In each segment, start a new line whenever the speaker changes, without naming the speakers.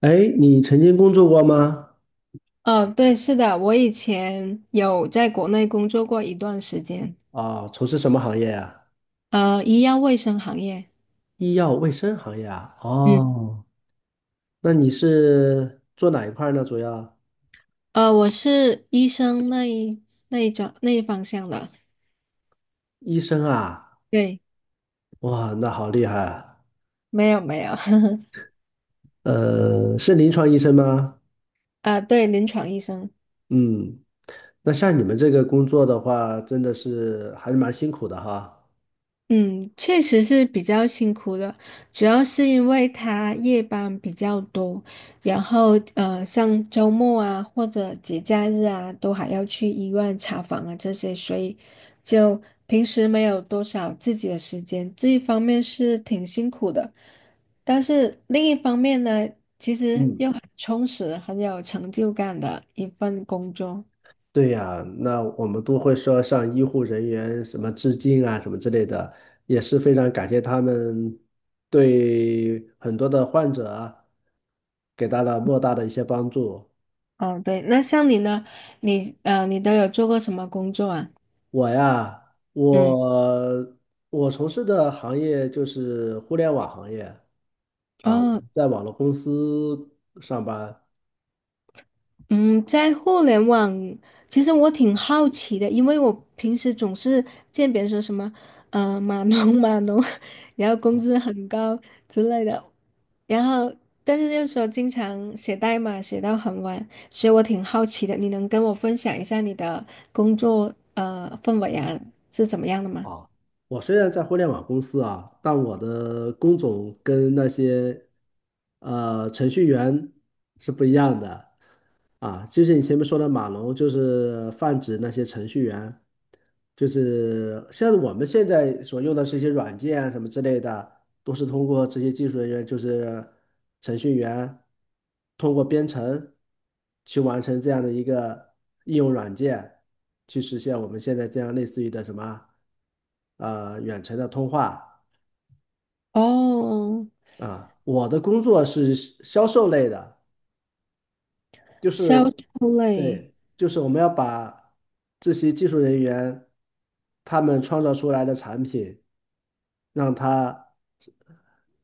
哎，你曾经工作过吗？
哦，对，是的，我以前有在国内工作过一段时间，
啊、从事什么行业啊？
医药卫生行业，
医药卫生行业啊？
嗯，
哦，那你是做哪一块儿呢？主要
我是医生那一方向的，
医生啊？
对，
哇，那好厉害啊！
没有没有，
是临床医生吗？
啊，对，临床医生。
嗯，那像你们这个工作的话，真的是还是蛮辛苦的哈。
嗯，确实是比较辛苦的，主要是因为他夜班比较多，然后像周末啊或者节假日啊，都还要去医院查房啊这些，所以就平时没有多少自己的时间，这一方面是挺辛苦的，但是另一方面呢，其实
嗯。
又很充实、很有成就感的一份工作。
对呀，那我们都会说向医护人员什么致敬啊，什么之类的，也是非常感谢他们对很多的患者啊给到了莫大的一些帮助。
哦，对，那像你呢？你都有做过什么工作啊？
我呀，
嗯。
我从事的行业就是互联网行业啊，我
哦，
在网络公司上班，
嗯，在互联网，其实我挺好奇的，因为我平时总是见别人说什么，码农码农，然后工资很高之类的，然后但是又说经常写代码写到很晚，所以我挺好奇的，你能跟我分享一下你的工作氛围啊是怎么样的吗？
啊，我虽然在互联网公司啊，但我的工种跟那些程序员是不一样的。啊，就是你前面说的马龙，就是泛指那些程序员，就是像我们现在所用的这些软件啊什么之类的，都是通过这些技术人员，就是程序员，通过编程去完成这样的一个应用软件，去实现我们现在这样类似于的什么，远程的通话
哦，
啊。我的工作是销售类的。就
销
是
售类，
对，就是我们要把这些技术人员他们创造出来的产品，让他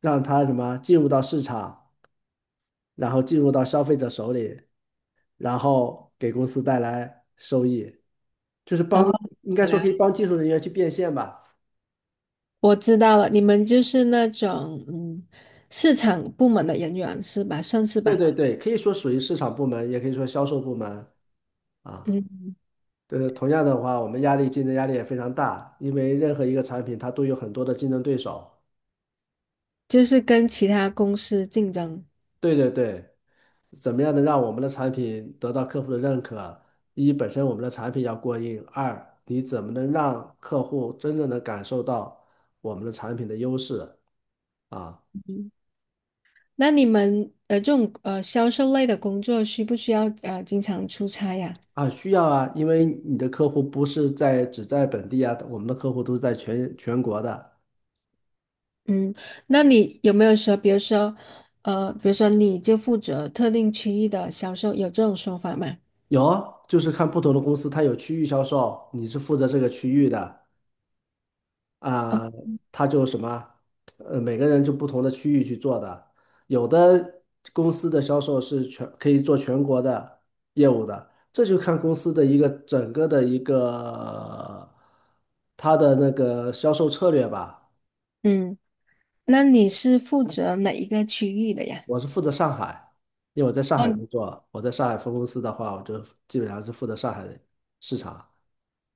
让他什么进入到市场，然后进入到消费者手里，然后给公司带来收益，就是帮，
哦，
应该说可以帮技术人员去变现吧。
我知道了，你们就是那种市场部门的人员是吧？算是
对
吧，
对对，可以说属于市场部门，也可以说销售部门啊。
嗯，
就是同样的话，我们竞争压力也非常大，因为任何一个产品它都有很多的竞争对手。
就是跟其他公司竞争。
对对对，怎么样能让我们的产品得到客户的认可？一，本身我们的产品要过硬；二，你怎么能让客户真正的感受到我们的产品的优势啊？
嗯，那你们这种销售类的工作需不需要经常出差呀？
啊，需要啊，因为你的客户不是在只在本地啊，我们的客户都是在全国的。
嗯，那你有没有说，比如说你就负责特定区域的销售，有这种说法吗？
有啊，就是看不同的公司，它有区域销售，你是负责这个区域的。啊，他就什么，呃，每个人就不同的区域去做的，有的公司的销售是全可以做全国的业务的，这就看公司的一个整个的一个它的那个销售策略吧。
嗯，那你是负责哪一个区域的呀？
我是负责上海，因为我在上
哦
海工作，我在上海分公司的话，我就基本上是负责上海的市场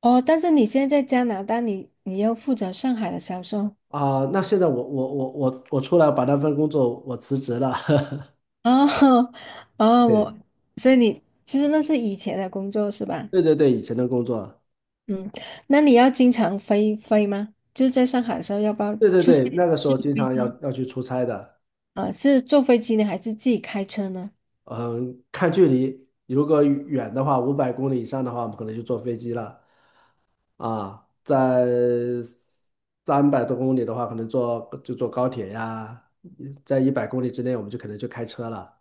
哦，但是你现在在加拿大，你要负责上海的销售。
啊。那现在我出来把那份工作我辞职了，
哦 哦，
对
所以你其实那是以前的工作是吧？
对对对，以前的工作。
嗯，那你要经常飞飞吗？就是在上海的时候，要不要？
对对对，那个时
是
候经常要去出差的，
是坐飞机呢，还是自己开车呢？
嗯，看距离，如果远的话，500公里以上的话，我们可能就坐飞机了啊，在300多公里的话，可能就坐高铁呀，在100公里之内，我们就可能就开车了，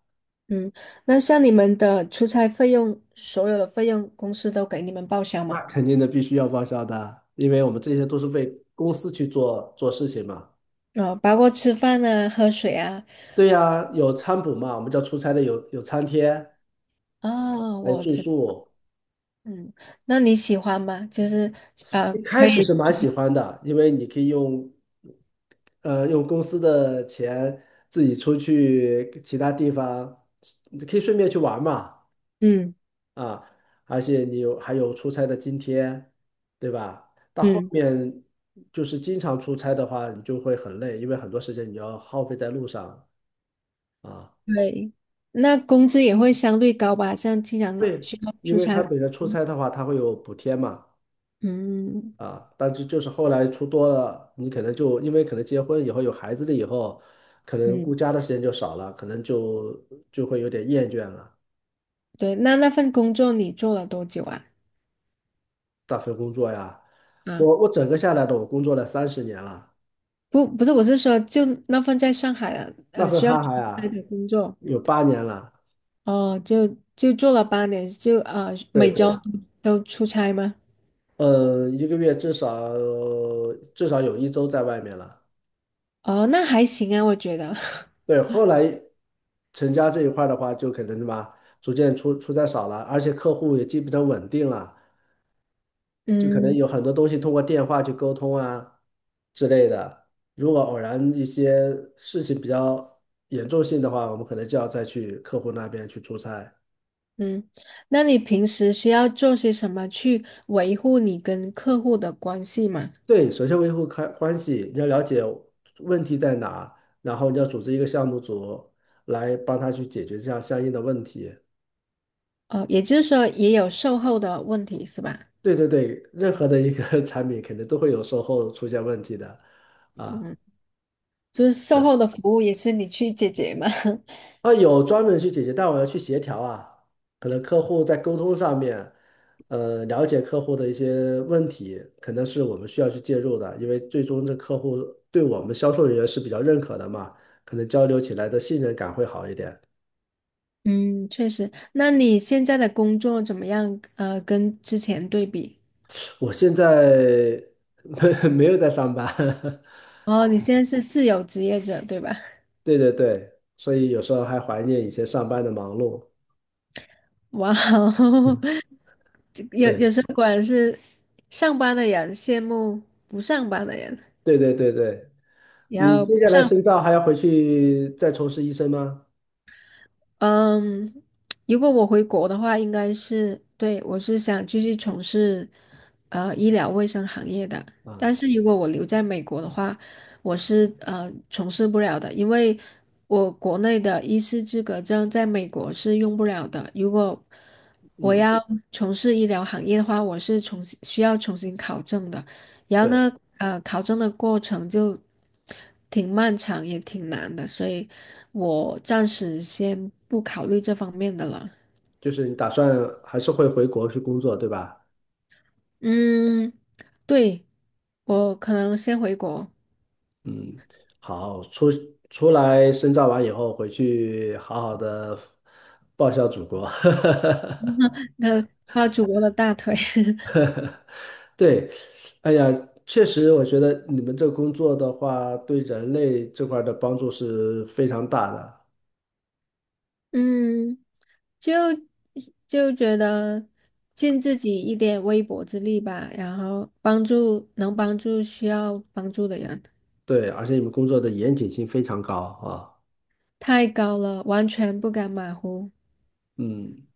嗯，那像你们的出差费用，所有的费用公司都给你们报销吗？
那肯定的，必须要报销的，因为我们这些都是为公司去做事情嘛。
哦，包括吃饭啊、喝水啊。
对呀，有餐补嘛，我们叫出差的有餐贴，
哦，
还有住宿。
嗯，那你喜欢吗？就是
一
可
开始
以，
是蛮喜欢的，因为你可以用，呃，用公司的钱自己出去其他地方，你可以顺便去玩嘛，
嗯
啊，而且你还有出差的津贴，对吧？到后
嗯。
面就是经常出差的话，你就会很累，因为很多时间你要耗费在路上啊。
对，那工资也会相对高吧？像经常
对，
需要
因
出
为
差
他
的，
本身出差的话，他会有补贴嘛。
嗯
啊，但是就是后来出多了，你可能就因为可能结婚以后有孩子了以后，可能
嗯，
顾家的时间就少了，可能就就会有点厌倦了。
对。那份工作你做了多久啊？
那份工作呀，
啊，
我整个下来的我工作了30年了，
不是，我是说，就那份在上海的，
那
呃，
份
需要出
哈哈
差
呀，
的工作，
有8年了，
哦，就做了八年，
对
每周
对，
都出差吗？
嗯一个月至少有一周在外面了。
哦，那还行啊，我觉得。
对，后来成家这一块儿的话，就可能什么逐渐在少了，而且客户也基本上稳定了。就可能
嗯
有很多东西通过电话去沟通啊之类的。如果偶然一些事情比较严重性的话，我们可能就要再去客户那边去出差。
嗯，那你平时需要做些什么去维护你跟客户的关系吗？
对，首先维护开关系，你要了解问题在哪，然后你要组织一个项目组来帮他去解决这样相应的问题。
哦，也就是说也有售后的问题是吧？
对对对，任何的一个 产品肯定都会有售后出现问题的啊。
嗯，就是售
对。
后的服务也是你去解决嘛。
啊，有专门去解决，但我要去协调啊，可能客户在沟通上面，了解客户的一些问题，可能是我们需要去介入的，因为最终这客户对我们销售人员是比较认可的嘛，可能交流起来的信任感会好一点。
嗯，确实。那你现在的工作怎么样？跟之前对比？
我现在 没有在上班，
哦，你现在是自由职业者，对吧？
对对对，所以有时候还怀念以前上班的忙碌。
哇哦，
嗯，
这有
对
有时候果然是上班的人羡慕不上班的人，
对对对对，
然
你
后
接
不
下来
上
深造还要回去再从事医生吗？
嗯，如果我回国的话，应该是，对，我是想继续从事医疗卫生行业的。但
啊，
是如果我留在美国的话，我是从事不了的，因为我国内的医师资格证在美国是用不了的。如果我
嗯。
要从事医疗行业的话，我是需要重新考证的。然后
对。
呢，考证的过程就挺漫长，也挺难的，所以我暂时先不考虑这方面的了。
就是你打算还是会回国去工作，对吧？
嗯，对，我可能先回国，
嗯，好，出来深造完以后，回去好好的报效祖国。
那抱祖国的大腿。
对，哎呀，确实，我觉得你们这工作的话，对人类这块儿的帮助是非常大的。
嗯，就就觉得尽自己一点微薄之力吧，然后能帮助需要帮助的人，
对，而且你们工作的严谨性非常高啊。
太高了，完全不敢马虎。
嗯，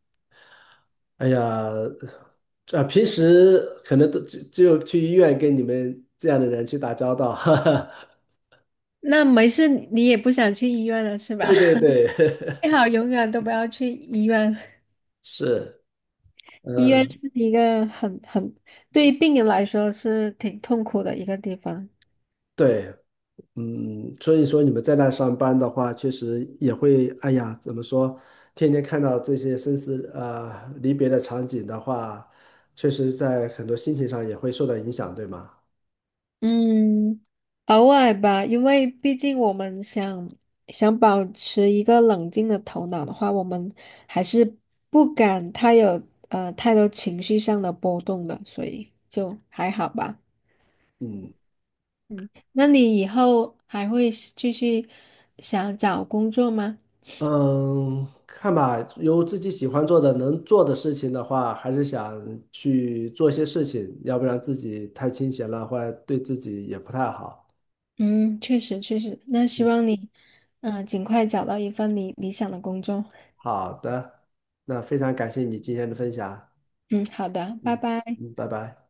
哎呀，啊，平时可能都只有去医院跟你们这样的人去打交道。
那没事，你也不想去医院了是吧？
对对 对，
最好永远都不要去医院，
是，
医院是
嗯，
一个很，对于病人来说是挺痛苦的一个地方。
对，嗯，所以说你们在那上班的话，确实也会，哎呀，怎么说，天天看到这些生死离别的场景的话，确实在很多心情上也会受到影响，对吗？
嗯，偶尔吧，因为毕竟我们想保持一个冷静的头脑的话，我们还是不敢太多情绪上的波动的，所以就还好吧。
嗯
嗯，那你以后还会继续想找工作吗？
嗯，看吧，有自己喜欢做的、能做的事情的话，还是想去做些事情，要不然自己太清闲了，或者对自己也不太好。
嗯，确实确实，那希
嗯，
望你，尽快找到一份你理想的工作。
好的，那非常感谢你今天的分享。
嗯，好的，拜
嗯
拜。
嗯，拜拜。